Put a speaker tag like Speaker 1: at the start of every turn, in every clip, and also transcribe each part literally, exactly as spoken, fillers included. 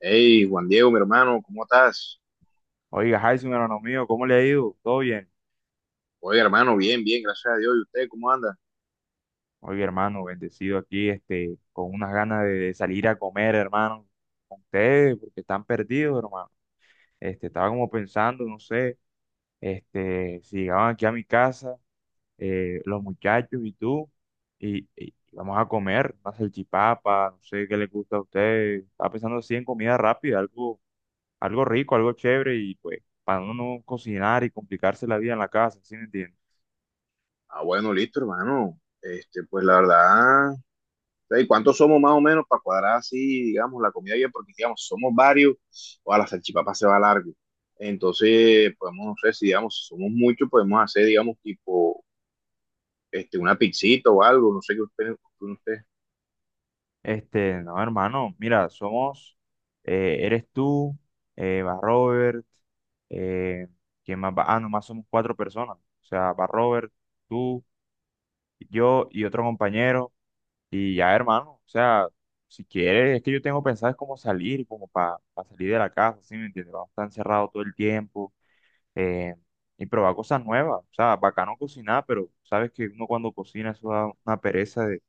Speaker 1: Hey, Juan Diego, mi hermano, ¿cómo estás?
Speaker 2: Oiga, Jason, hermano mío, ¿cómo le ha ido? ¿Todo bien?
Speaker 1: Oye, hermano, bien, bien, gracias a Dios. ¿Y usted cómo anda?
Speaker 2: Oiga, hermano, bendecido aquí, este, con unas ganas de, de salir a comer, hermano, con ustedes, porque están perdidos, hermano. Este, estaba como pensando, no sé, este, si llegaban aquí a mi casa, eh, los muchachos y tú, y, y vamos a comer una salchipapa, no sé qué les gusta a ustedes. Estaba pensando así en comida rápida, algo, algo rico, algo chévere, y pues, para uno no cocinar y complicarse la vida en la casa, ¿sí me entiendes?
Speaker 1: Ah, bueno, listo, hermano. Este, pues la verdad, ¿y cuántos somos más o menos para cuadrar así, digamos, la comida bien? Porque, digamos, somos varios, o a la salchipapa se va largo. Entonces, podemos, no sé, si digamos, si somos muchos, podemos hacer, digamos, tipo, este, una pizzita o algo, no sé qué usted, qué usted,
Speaker 2: Este, no, hermano, mira, somos, eh, eres tú, eh, va Robert, eh, ¿quién más va? Ah, nomás somos cuatro personas. O sea, va Robert, tú, yo y otro compañero. Y ya, hermano, o sea, si quieres, es que yo tengo pensado es cómo salir, como para salir de la casa, ¿sí me entiendes? Vamos a estar encerrados todo el tiempo eh, y probar cosas nuevas. O sea, bacano cocinar, pero sabes que uno cuando cocina eso da una pereza de,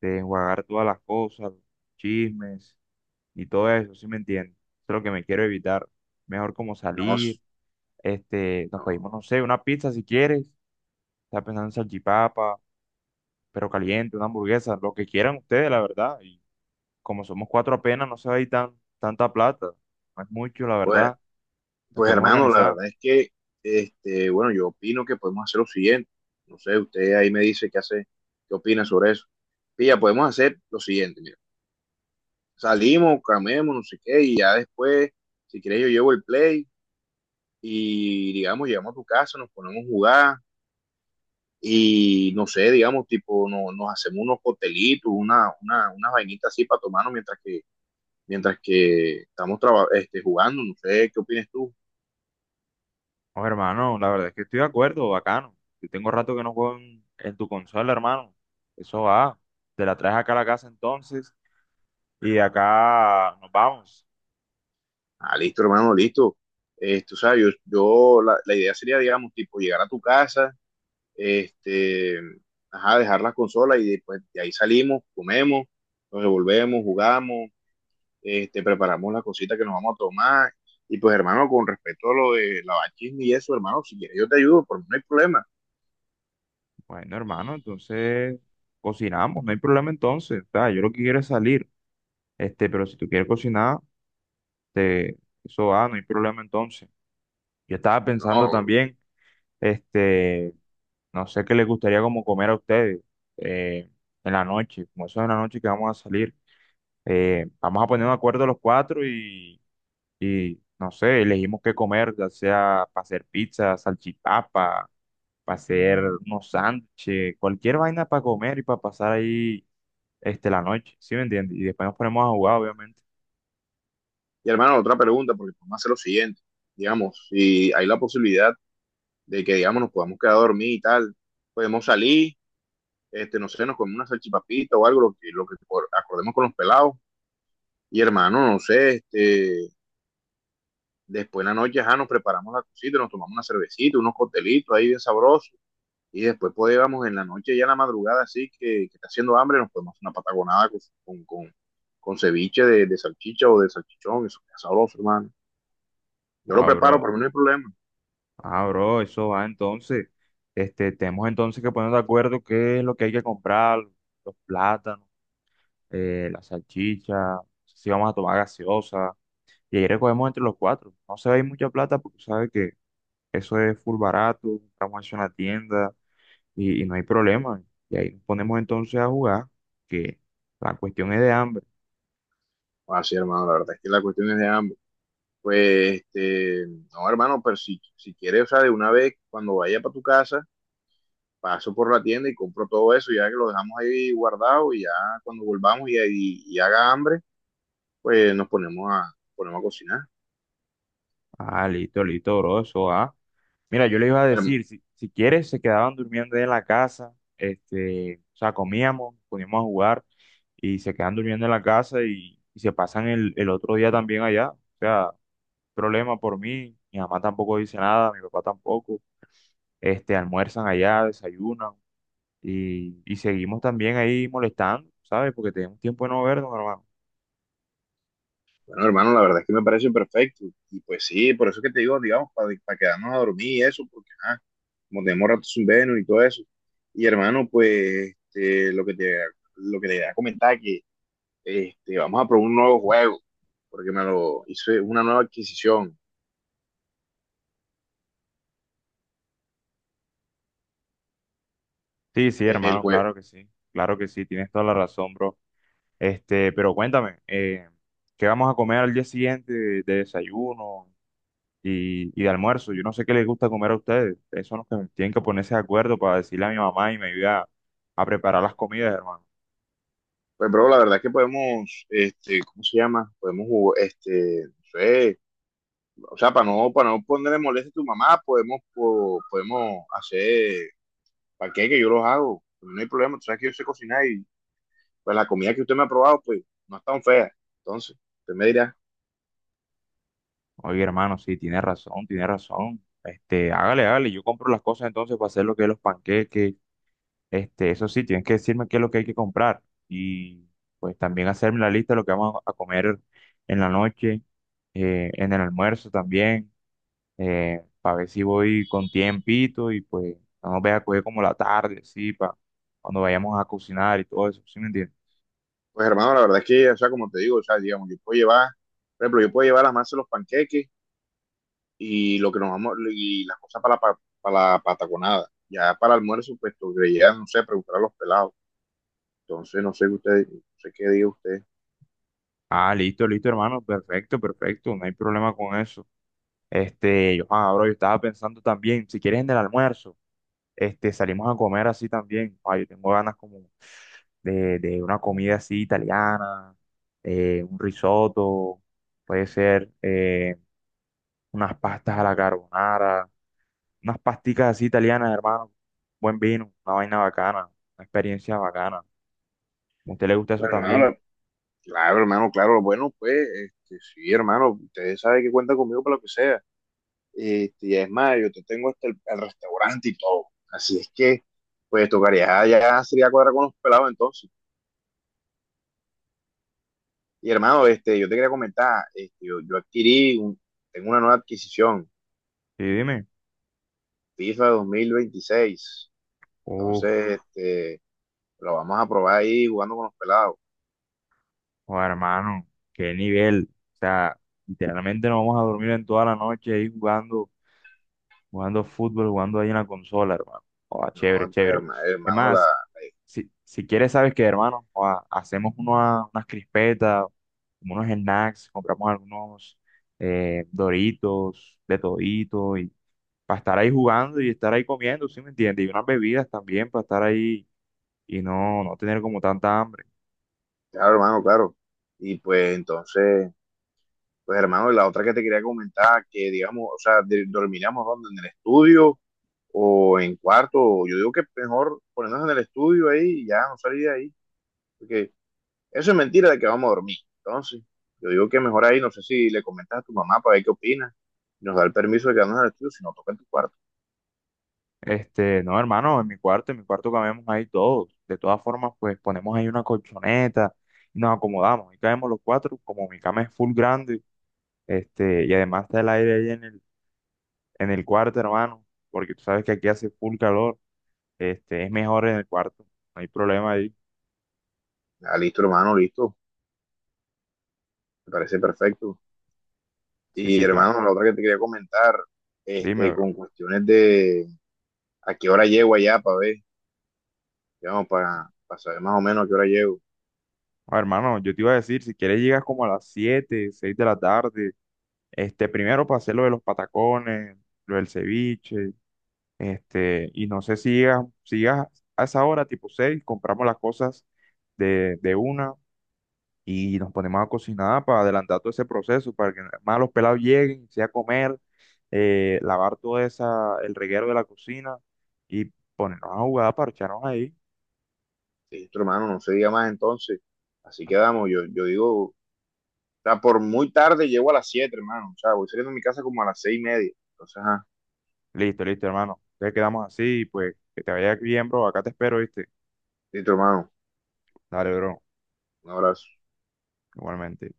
Speaker 2: de enjuagar todas las cosas, los chismes y todo eso, ¿sí me entiendes? Eso es lo que me quiero evitar. Mejor como
Speaker 1: No,
Speaker 2: salir, este, nos pedimos,
Speaker 1: no,
Speaker 2: no sé, una pizza si quieres, está pensando en salchipapa, pero caliente, una hamburguesa, lo que quieran ustedes, la verdad. Y como somos cuatro apenas, no se va a ir tan, tanta plata, no es mucho, la
Speaker 1: pues.
Speaker 2: verdad, nos
Speaker 1: Pues,
Speaker 2: podemos
Speaker 1: hermano, la
Speaker 2: organizar.
Speaker 1: verdad es que, este, bueno, yo opino que podemos hacer lo siguiente. No sé, usted ahí me dice qué hace, qué opina sobre eso. Pilla, podemos hacer lo siguiente, mira. Salimos, camemos, no sé qué, y ya después, si quieres, yo llevo el play y, digamos, llegamos a tu casa, nos ponemos a jugar y, no sé, digamos, tipo, no, nos hacemos unos coctelitos, una, una, unas vainitas así para tomarnos mientras que, mientras que estamos traba- este, jugando. No sé, ¿qué opinas tú?
Speaker 2: No, hermano, la verdad es que estoy de acuerdo, bacano. Yo tengo rato que no juego en, en tu consola, hermano. Eso va. Te la traes acá a la casa entonces y de acá nos vamos.
Speaker 1: Ah, listo, hermano, listo. Esto, o sea, yo, yo la, la idea sería, digamos, tipo, llegar a tu casa, este, ajá, dejar las consolas y después de ahí salimos, comemos, nos devolvemos, jugamos, este, preparamos las cositas que nos vamos a tomar. Y pues, hermano, con respecto a lo de lavachismo y eso, hermano, si quieres yo te ayudo, por mí no hay problema.
Speaker 2: Bueno, hermano, entonces cocinamos, no hay problema entonces. O sea, yo lo que quiero es salir, este, pero si tú quieres cocinar, te, eso va, no hay problema entonces. Yo estaba pensando
Speaker 1: No,
Speaker 2: también, este, no sé qué les gustaría como comer a ustedes eh, en la noche, como eso es en la noche que vamos a salir. Eh, vamos a poner un acuerdo los cuatro y, y no sé, elegimos qué comer, ya sea para hacer pizza, salchipapa, para hacer unos sándwiches, cualquier vaina para comer y para pasar ahí este, la noche, ¿sí me entiendes? Y después nos ponemos a
Speaker 1: pues.
Speaker 2: jugar, obviamente.
Speaker 1: Y hermano, otra pregunta, porque podemos hacer lo siguiente. Digamos, si hay la posibilidad de que, digamos, nos podamos quedar a dormir y tal, podemos salir, este, no sé, nos comemos una salchipapita o algo, lo que, lo que por- acordemos con los pelados. Y hermano, no sé, este, después en la noche ya nos preparamos la cosita, nos tomamos una cervecita, unos coctelitos ahí bien sabrosos. Y después podíamos en la noche, ya en la madrugada, así que, que está haciendo hambre, nos podemos hacer una patagonada con, con, con, con ceviche de, de salchicha o de salchichón, eso es sabroso, hermano. Yo lo
Speaker 2: Ah,
Speaker 1: preparo,
Speaker 2: bro,
Speaker 1: para mí no hay problema.
Speaker 2: ah, bro, eso va entonces. Este, tenemos entonces que ponernos de acuerdo qué es lo que hay que comprar, los plátanos, eh, la salchicha, si vamos a tomar gaseosa. Y ahí recogemos entre los cuatro. No se va a ir mucha plata porque sabes que eso es full barato, compramos eso en la tienda y, y no hay problema. Y ahí nos ponemos entonces a jugar, que la cuestión es de hambre.
Speaker 1: Así, hermano, la verdad es que la cuestión es de hambre. Pues, este, no, hermano, pero si, si quieres, o sea, de una vez, cuando vaya para tu casa, paso por la tienda y compro todo eso, ya que lo dejamos ahí guardado y ya cuando volvamos y, y, y haga hambre, pues nos ponemos a, ponemos a cocinar.
Speaker 2: Ah, listo, listo, bro, eso, ah. Mira, yo le iba a
Speaker 1: Herm-
Speaker 2: decir, si, si quieres, se quedaban durmiendo ahí en la casa, este, o sea, comíamos, poníamos a jugar y se quedan durmiendo en la casa y, y se pasan el, el otro día también allá. O sea, problema por mí, mi mamá tampoco dice nada, mi papá tampoco, este, almuerzan allá, desayunan y, y seguimos también ahí molestando, ¿sabes? Porque tenemos tiempo de no vernos, hermano.
Speaker 1: Bueno, hermano, la verdad es que me parece perfecto. Y pues sí, por eso que te digo, digamos, para quedarnos a dormir y eso, porque ah, como tenemos rato sin vernos y todo eso. Y hermano, pues este, lo que te, lo que te iba a comentar que este, vamos a probar un nuevo juego, porque me lo hice una nueva adquisición.
Speaker 2: Sí, sí,
Speaker 1: El
Speaker 2: hermano,
Speaker 1: juego.
Speaker 2: claro que sí, claro que sí, tienes toda la razón, bro. Este, pero cuéntame, eh, ¿qué vamos a comer al día siguiente de, de desayuno y, y de almuerzo? Yo no sé qué les gusta comer a ustedes. Ustedes son los que tienen que ponerse de acuerdo para decirle a mi mamá y me ayuda a, a preparar las comidas, hermano.
Speaker 1: Pues, bro, la verdad es que podemos, este, ¿cómo se llama? Podemos jugar, este, no sé, o sea, para no, para no ponerle molestia a tu mamá, podemos, po- podemos hacer que yo los hago, pues, no hay problema, tú sabes que yo sé cocinar y pues la comida que usted me ha probado, pues no es tan fea. Entonces, usted me dirá.
Speaker 2: Oye, hermano, sí, tiene razón, tiene razón. Este, hágale, hágale, yo compro las cosas entonces para hacer lo que es los panqueques. Este, eso sí, tienes que decirme qué es lo que hay que comprar y pues también hacerme la lista de lo que vamos a a comer en la noche, eh, en el almuerzo también. Eh, para ver si voy con tiempito y pues no nos vaya a coger como la tarde, sí, para cuando vayamos a cocinar y todo eso, ¿sí me entiendes?
Speaker 1: Pues, hermano, la verdad es que, o sea, como te digo, o sea, digamos, yo puedo llevar, por ejemplo, yo puedo llevar las masas de los panqueques y lo que nos vamos, y las cosas para la, pa- para la pataconada, ya para el almuerzo, pues, tú ya, no sé, preguntar a los pelados. Entonces, no sé, usted, no sé qué diga usted.
Speaker 2: Ah, listo, listo, hermano, perfecto, perfecto, no hay problema con eso. Este, yo, ah, bro, yo estaba pensando también, si quieres en el almuerzo, este, salimos a comer así también. Ah, yo tengo ganas como de, de una comida así italiana, eh, un risotto, puede ser eh, unas pastas a la carbonara, unas pasticas así italianas, hermano. Buen vino, una vaina bacana, una experiencia bacana. ¿A usted le gusta eso
Speaker 1: Bueno,
Speaker 2: también?
Speaker 1: hermano, claro, hermano, claro. Bueno, pues, este, sí, hermano, usted sabe que cuenta conmigo para lo que sea. Este, y es más, yo te tengo hasta el, el restaurante y todo. Así es que, pues, tocaría ya sería cuadrar con los pelados entonces. Y hermano, este, yo te quería comentar, este, yo, yo adquirí, un- tengo una nueva adquisición,
Speaker 2: Sí, dime.
Speaker 1: FIFA dos mil veintiséis.
Speaker 2: Uf,
Speaker 1: Entonces, este, lo vamos a probar ahí jugando con los pelados.
Speaker 2: oh, hermano, qué nivel. O sea, literalmente nos vamos a dormir en toda la noche ahí jugando, jugando fútbol, jugando ahí en la consola, hermano. Oh, chévere,
Speaker 1: No, pues,
Speaker 2: chévere.
Speaker 1: herma-
Speaker 2: Es
Speaker 1: hermano. La
Speaker 2: más, si, si quieres, sabes que, hermano, joda, hacemos una- unas crispetas, como unos snacks, compramos algunos eh, Doritos, de todito para estar ahí jugando y estar ahí comiendo, ¿sí me entiendes? Y unas bebidas también para estar ahí y no, no tener como tanta hambre.
Speaker 1: Claro, hermano, claro. Y pues entonces, pues hermano, la otra que te quería comentar, que digamos, o sea, de- dormiríamos donde, en el estudio o en cuarto, o yo digo que mejor ponernos en el estudio ahí y ya no salir de ahí, porque eso es mentira de que vamos a dormir. Entonces, yo digo que mejor ahí, no sé si le comentas a tu mamá para ver qué opina, nos da el permiso de quedarnos en el estudio, si no toca en tu cuarto.
Speaker 2: Este, no, hermano, en mi cuarto, en mi cuarto cabemos ahí todos. De todas formas, pues ponemos ahí una colchoneta y nos acomodamos. Y caemos los cuatro, como mi cama es full grande, este, y además está el aire ahí en el, en el cuarto, hermano, porque tú sabes que aquí hace full calor. Este, es mejor en el cuarto, no hay problema ahí.
Speaker 1: Ah, listo, hermano, listo, me parece perfecto.
Speaker 2: Sí,
Speaker 1: Y
Speaker 2: sí, claro.
Speaker 1: hermano, la otra que te quería comentar,
Speaker 2: Dime,
Speaker 1: este,
Speaker 2: bro.
Speaker 1: con cuestiones de a qué hora llego allá para ver. Digamos, para, para saber más o menos a qué hora llego.
Speaker 2: Ah, hermano, yo te iba a decir, si quieres llegas como a las siete, seis de la tarde. Este, primero para hacer lo de los patacones, lo del ceviche, este, y no sé si llegas, si llegas a esa hora, tipo seis compramos las cosas de, de una y nos ponemos a cocinar para adelantar todo ese proceso, para que más los pelados lleguen, sea comer, eh, lavar todo esa, el reguero de la cocina y ponernos a jugar, parcharnos ahí.
Speaker 1: Listo, hermano, no se diga más entonces. Así quedamos. Yo, yo digo, o sea, por muy tarde llego a las siete, hermano. O sea, voy saliendo de mi casa como a las seis y media. Entonces, ajá.
Speaker 2: Listo, listo, hermano. Entonces quedamos así, pues que te vaya bien, bro. Acá te espero, ¿viste?
Speaker 1: Listo, hermano.
Speaker 2: Dale, bro.
Speaker 1: Un abrazo.
Speaker 2: Igualmente.